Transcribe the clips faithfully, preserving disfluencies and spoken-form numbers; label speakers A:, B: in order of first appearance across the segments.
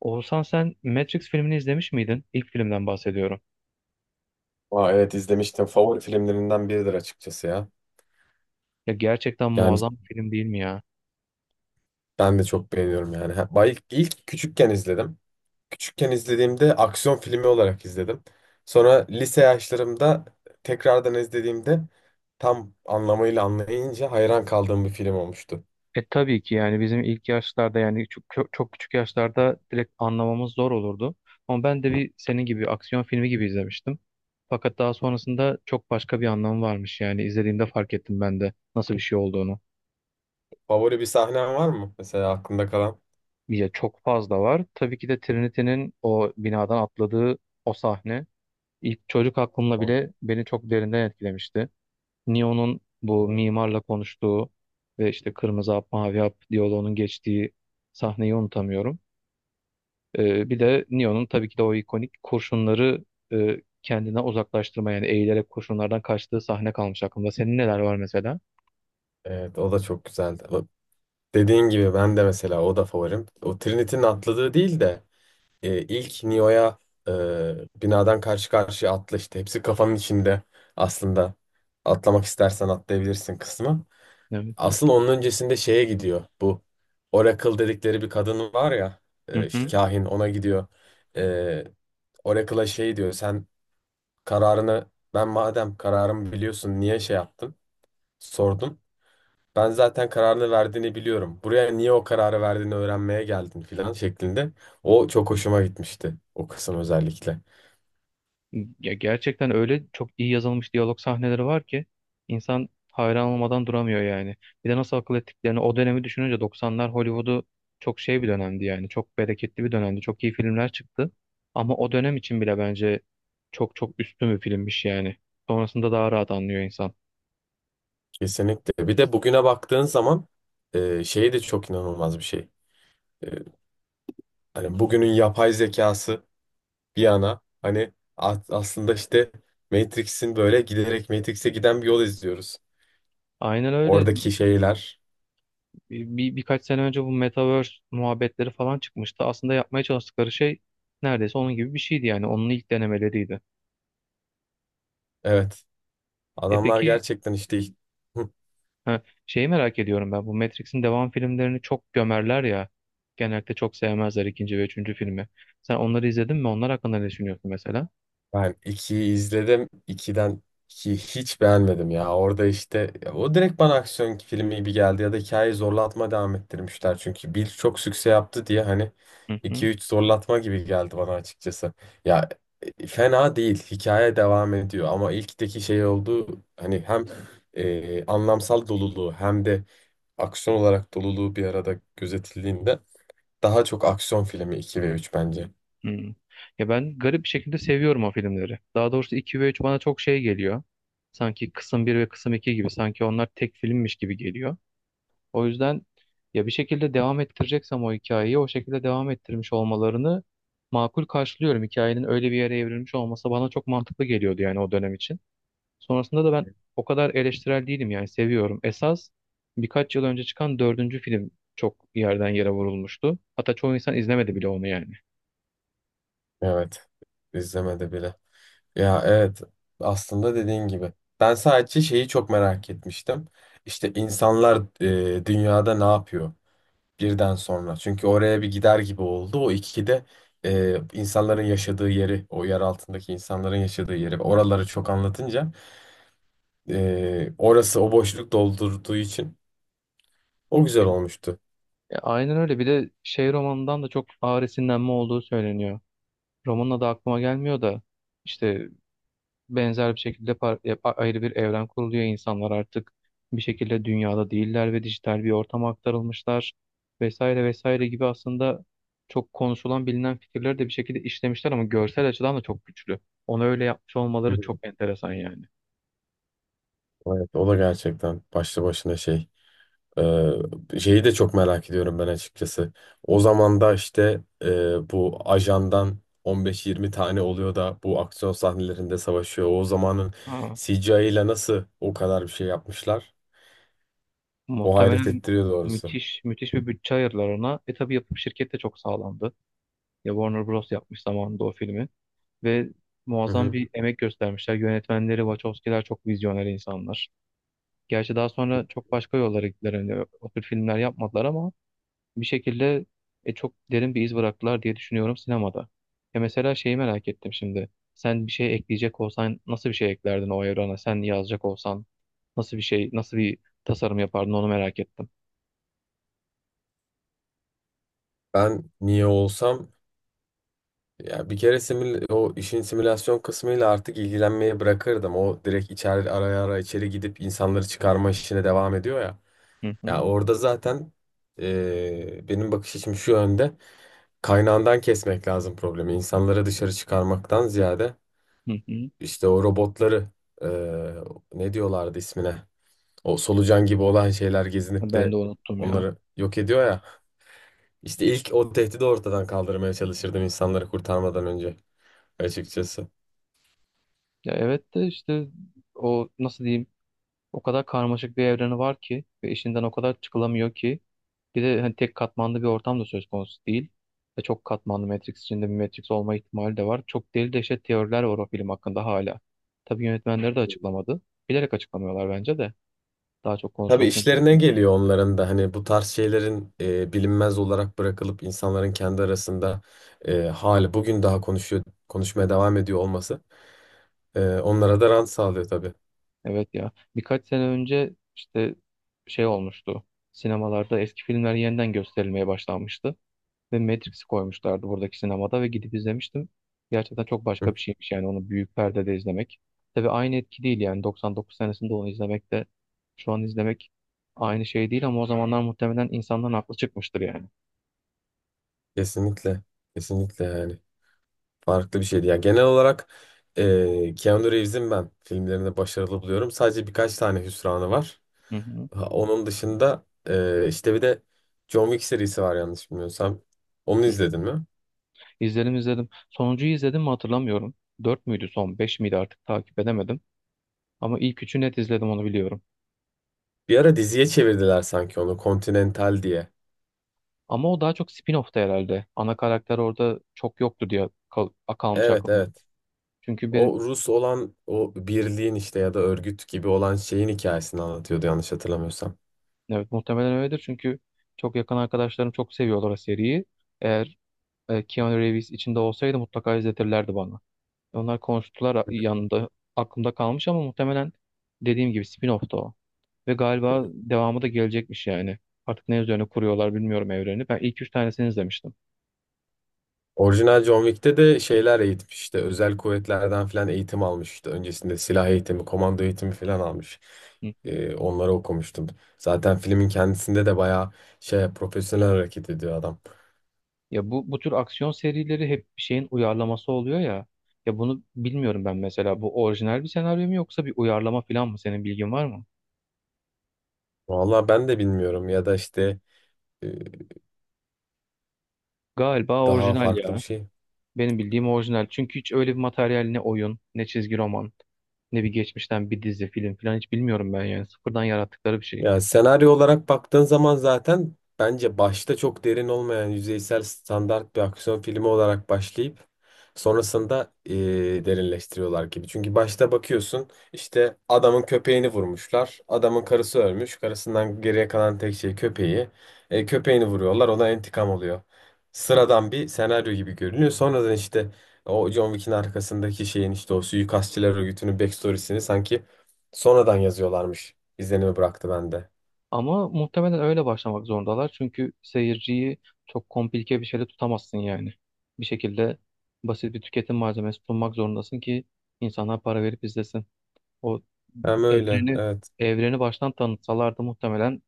A: Oğuzhan sen Matrix filmini izlemiş miydin? İlk filmden bahsediyorum.
B: Aa, evet izlemiştim. Favori filmlerinden biridir açıkçası ya.
A: Ya gerçekten
B: Yani
A: muazzam bir film değil mi ya?
B: ben de çok beğeniyorum yani. Ha, bay- İlk, ilk küçükken izledim. Küçükken izlediğimde aksiyon filmi olarak izledim. Sonra lise yaşlarımda tekrardan izlediğimde tam anlamıyla anlayınca hayran kaldığım bir film olmuştu.
A: E tabii ki yani bizim ilk yaşlarda yani çok, çok çok küçük yaşlarda direkt anlamamız zor olurdu. Ama ben de bir senin gibi aksiyon filmi gibi izlemiştim. Fakat daha sonrasında çok başka bir anlamı varmış yani izlediğimde fark ettim ben de nasıl bir şey olduğunu.
B: Favori bir sahnen var mı? Mesela aklında kalan.
A: Ya çok fazla var. Tabii ki de Trinity'nin o binadan atladığı o sahne ilk çocuk aklımla
B: O-
A: bile beni çok derinden etkilemişti. Neo'nun bu
B: o-
A: mimarla konuştuğu ve işte kırmızı hap mavi hap diyaloğunun geçtiği sahneyi unutamıyorum. Ee, bir de Neo'nun tabii ki de o ikonik kurşunları e, kendine uzaklaştırma yani eğilerek kurşunlardan kaçtığı sahne kalmış aklımda. Senin neler var mesela?
B: Evet, o da çok güzeldi. O- Dediğin gibi ben de mesela o da favorim. O Trinity'nin atladığı değil de e, ilk Neo'ya e, binadan karşı karşıya atla işte. Hepsi kafanın içinde aslında. Atlamak istersen atlayabilirsin kısmı.
A: Evet.
B: Aslında onun öncesinde şeye gidiyor. Bu Oracle dedikleri bir kadın var ya,
A: Hı
B: e, işte
A: hı.
B: kahin ona gidiyor. E, Oracle'a şey diyor, sen Kararını ben madem kararımı biliyorsun niye şey yaptın? Sordum. Ben zaten kararını verdiğini biliyorum. Buraya niye o kararı verdiğini öğrenmeye geldin filan şeklinde. O çok hoşuma gitmişti. O kısım özellikle.
A: Ya gerçekten öyle çok iyi yazılmış diyalog sahneleri var ki insan hayran olmadan duramıyor yani. Bir de nasıl akıl ettiklerini o dönemi düşününce doksanlar Hollywood'u çok şey bir dönemdi yani. Çok bereketli bir dönemdi. Çok iyi filmler çıktı. Ama o dönem için bile bence çok çok üstün bir filmmiş yani. Sonrasında daha rahat anlıyor insan.
B: Kesinlikle. Bir de bugüne baktığın zaman e, şey de çok inanılmaz bir şey. E, hani bugünün yapay zekası bir yana, hani a- aslında işte Matrix'in böyle giderek Matrix'e giden bir yol izliyoruz.
A: Aynen öyle.
B: Oradaki şeyler.
A: Bir, birkaç sene önce bu Metaverse muhabbetleri falan çıkmıştı. Aslında yapmaya çalıştıkları şey neredeyse onun gibi bir şeydi yani. Onun ilk denemeleriydi.
B: Evet.
A: E
B: Adamlar
A: peki.
B: gerçekten işte. Hı.
A: Ha, şeyi merak ediyorum ben. Bu Matrix'in devam filmlerini çok gömerler ya. Genellikle çok sevmezler ikinci ve üçüncü filmi. Sen onları izledin mi? Onlar hakkında ne düşünüyorsun mesela?
B: Ben ikiyi izledim. ikiden ikiyi hiç beğenmedim ya. Orada işte ya o direkt bana aksiyon filmi gibi geldi ya da hikayeyi zorlatma devam ettirmişler. Çünkü bir çok sükse yaptı diye hani
A: Hı
B: iki
A: hı.
B: üç zorlatma gibi geldi bana açıkçası. Ya e, fena değil. Hikaye devam ediyor ama ilkteki şey oldu, hani hem e, anlamsal doluluğu hem de aksiyon olarak doluluğu bir arada gözetildiğinde daha çok aksiyon filmi iki ve üç bence.
A: Hı. Ya ben garip bir şekilde seviyorum o filmleri. Daha doğrusu iki ve üç bana çok şey geliyor. Sanki kısım bir ve kısım iki gibi. Sanki onlar tek filmmiş gibi geliyor. O yüzden ya bir şekilde devam ettireceksem o hikayeyi o şekilde devam ettirmiş olmalarını makul karşılıyorum. Hikayenin öyle bir yere evrilmiş olması bana çok mantıklı geliyordu yani o dönem için. Sonrasında da ben o kadar eleştirel değilim yani seviyorum. Esas birkaç yıl önce çıkan dördüncü film çok yerden yere vurulmuştu. Hatta çoğu insan izlemedi bile onu yani.
B: Evet, izlemedi bile. Ya evet, aslında dediğin gibi. Ben sadece şeyi çok merak etmiştim. İşte insanlar e, dünyada ne yapıyor birden sonra. Çünkü oraya bir gider gibi oldu. O ikide e, insanların yaşadığı yeri, o yer altındaki insanların yaşadığı yeri. Oraları çok anlatınca e, orası o boşluk doldurduğu için o güzel
A: E,
B: olmuştu.
A: e, Aynen öyle. Bir de şey romanından da çok ağır esinlenme olduğu söyleniyor. Romanın adı aklıma gelmiyor da işte benzer bir şekilde par- e, a- ayrı bir evren kuruluyor. İnsanlar artık bir şekilde dünyada değiller ve dijital bir ortama aktarılmışlar vesaire vesaire gibi aslında çok konuşulan bilinen fikirleri de bir şekilde işlemişler ama görsel açıdan da çok güçlü. Onu öyle yapmış
B: Hı
A: olmaları
B: hı.
A: çok enteresan yani.
B: Evet, o da gerçekten başlı başına şey. Ee, şeyi de çok merak ediyorum ben açıkçası. O zaman da işte e, bu ajandan on beş yirmi tane tane oluyor da bu aksiyon sahnelerinde savaşıyor. O zamanın
A: Ha,
B: C G I ile nasıl o kadar bir şey yapmışlar? O hayret
A: muhtemelen
B: ettiriyor doğrusu.
A: müthiş müthiş bir bütçe ayırdılar ona. E tabii yapım şirket de çok sağlamdı. Ya Warner Bros. Yapmış zamanında o filmi. Ve
B: Hı
A: muazzam
B: hı.
A: bir emek göstermişler. Yönetmenleri, Wachowski'ler çok vizyoner insanlar. Gerçi daha sonra çok başka yollara gittiler. Hani o tür filmler yapmadılar ama bir şekilde e, çok derin bir iz bıraktılar diye düşünüyorum sinemada. Ya mesela şeyi merak ettim şimdi. Sen bir şey ekleyecek olsan nasıl bir şey eklerdin o evrana? Sen yazacak olsan nasıl bir şey, nasıl bir tasarım yapardın onu merak ettim.
B: Ben niye olsam, ya bir kere simül- o işin simülasyon kısmıyla artık ilgilenmeye bırakırdım. O direkt içeri araya ara içeri gidip insanları çıkarma işine devam ediyor ya.
A: Hı
B: Ya
A: hı,
B: orada zaten e, benim bakış açım şu yönde. Kaynağından kesmek lazım problemi. İnsanları dışarı çıkarmaktan ziyade
A: hı hı.
B: işte o robotları e, ne diyorlardı ismine? O solucan gibi olan şeyler gezinip
A: Ben
B: de
A: de unuttum ya.
B: onları yok ediyor ya. İşte ilk o tehdidi ortadan kaldırmaya çalışırdım insanları kurtarmadan önce açıkçası.
A: Ya evet de işte o nasıl diyeyim o kadar karmaşık bir evreni var ki ve işinden o kadar çıkılamıyor ki. Bir de hani tek katmanlı bir ortam da söz konusu değil. Ve çok katmanlı Matrix içinde bir Matrix olma ihtimali de var. Çok deli deşet teoriler var o film hakkında hala. Tabii yönetmenleri de açıklamadı. Bilerek açıklamıyorlar bence de. Daha çok
B: Tabii
A: konuşulsun
B: işlerine
A: diye.
B: geliyor onların da, hani bu tarz şeylerin e, bilinmez olarak bırakılıp insanların kendi arasında e, hali bugün daha konuşuyor konuşmaya devam ediyor olması e, onlara da rant sağlıyor tabii.
A: Evet ya. Birkaç sene önce işte şey olmuştu. Sinemalarda eski filmler yeniden gösterilmeye başlanmıştı. Ve Matrix'i koymuşlardı buradaki sinemada ve gidip izlemiştim. Gerçekten çok başka bir şeymiş yani onu büyük perdede izlemek. Tabii aynı etki değil yani doksan dokuz senesinde onu izlemek de şu an izlemek aynı şey değil ama o zamanlar muhtemelen insanların aklı çıkmıştır yani.
B: Kesinlikle. Kesinlikle yani. Farklı bir şeydi. Yani genel olarak e, Keanu Reeves'in ben filmlerinde başarılı buluyorum. Sadece birkaç tane hüsranı var.
A: Hı hı.
B: Ha, onun dışında e, işte bir de John Wick serisi var yanlış bilmiyorsam. Onu
A: Hı.
B: izledin mi?
A: İzledim izledim. Sonuncuyu izledim mi hatırlamıyorum. Dört müydü son beş miydi artık takip edemedim. Ama ilk üçü net izledim onu biliyorum.
B: Bir ara diziye çevirdiler sanki onu. Continental diye.
A: Ama o daha çok spin-off'ta herhalde. Ana karakter orada çok yoktu diye kal kalmış
B: Evet,
A: aklımda.
B: evet.
A: Çünkü
B: O
A: benim.
B: Rus olan o birliğin işte ya da örgüt gibi olan şeyin hikayesini anlatıyordu yanlış hatırlamıyorsam.
A: Evet muhtemelen öyledir çünkü çok yakın arkadaşlarım çok seviyorlar o seriyi. Eğer e, Keanu Reeves içinde olsaydı mutlaka izletirlerdi bana. Onlar konuştular yanında aklımda kalmış ama muhtemelen dediğim gibi spin-off'tu o. Ve galiba devamı da gelecekmiş yani. Artık ne üzerine kuruyorlar bilmiyorum evreni. Ben ilk üç tanesini izlemiştim.
B: Orijinal John Wick'te de şeyler eğitmiş, işte özel kuvvetlerden falan eğitim almış, işte öncesinde silah eğitimi, komando eğitimi falan almış.
A: Hı hı.
B: Ee, onları okumuştum. Zaten filmin kendisinde de bayağı şey profesyonel hareket ediyor adam.
A: Ya bu bu tür aksiyon serileri hep bir şeyin uyarlaması oluyor ya. Ya bunu bilmiyorum ben mesela. Bu orijinal bir senaryo mu yoksa bir uyarlama falan mı? Senin bilgin var mı?
B: Vallahi ben de bilmiyorum ya da işte e,
A: Galiba
B: daha
A: orijinal
B: farklı bir
A: ya.
B: şey.
A: Benim bildiğim orijinal. Çünkü hiç öyle bir materyal ne oyun, ne çizgi roman, ne bir geçmişten bir dizi, film falan hiç bilmiyorum ben yani. Sıfırdan yarattıkları bir şey.
B: Ya senaryo olarak baktığın zaman zaten bence başta çok derin olmayan yüzeysel standart bir aksiyon filmi olarak başlayıp sonrasında eee, derinleştiriyorlar gibi. Çünkü başta bakıyorsun işte adamın köpeğini vurmuşlar. Adamın karısı ölmüş. Karısından geriye kalan tek şey köpeği. E, köpeğini vuruyorlar. Ona intikam oluyor. Sıradan bir senaryo gibi görünüyor. Sonradan işte o John Wick'in arkasındaki şeyin, işte o suikastçılar örgütünün backstory'sini sanki sonradan yazıyorlarmış izlenimi bıraktı bende.
A: Ama muhtemelen öyle başlamak zorundalar. Çünkü seyirciyi çok komplike bir şeyle tutamazsın yani. Bir şekilde basit bir tüketim malzemesi sunmak zorundasın ki insanlar para verip izlesin. O
B: Hem öyle,
A: evreni
B: evet.
A: evreni baştan tanıtsalardı muhtemelen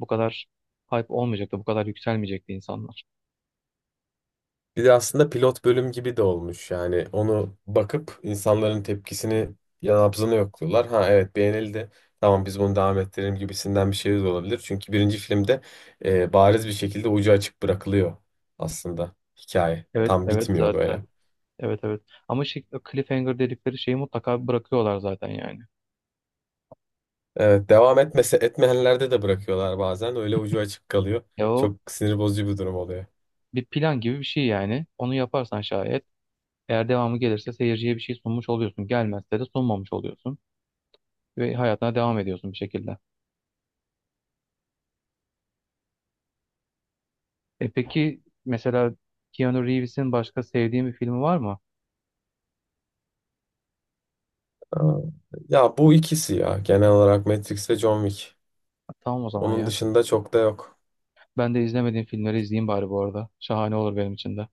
A: bu kadar hype olmayacaktı, bu kadar yükselmeyecekti insanlar.
B: Bir de aslında pilot bölüm gibi de olmuş yani, onu bakıp insanların tepkisini yanabzını yokluyorlar. Ha evet, beğenildi. Tamam, biz bunu devam ettirelim gibisinden bir şey de olabilir. Çünkü birinci filmde e, bariz bir şekilde ucu açık bırakılıyor aslında hikaye.
A: Evet,
B: Tam
A: evet
B: bitmiyor
A: zaten.
B: böyle.
A: Evet evet. Ama şey, o cliffhanger dedikleri şeyi mutlaka bırakıyorlar zaten yani.
B: Evet devam etmese etmeyenlerde de bırakıyorlar bazen. Öyle ucu açık kalıyor.
A: Ya o
B: Çok sinir bozucu bir durum oluyor.
A: bir plan gibi bir şey yani. Onu yaparsan şayet eğer devamı gelirse seyirciye bir şey sunmuş oluyorsun. Gelmezse de sunmamış oluyorsun. Ve hayatına devam ediyorsun bir şekilde. E peki mesela Keanu Reeves'in başka sevdiğin bir filmi var mı?
B: Aa, ya bu ikisi ya, genel olarak Matrix ve John Wick.
A: Ha, tamam o zaman
B: Onun
A: ya.
B: dışında çok da yok.
A: Ben de izlemediğim filmleri izleyeyim bari bu arada. Şahane olur benim için de.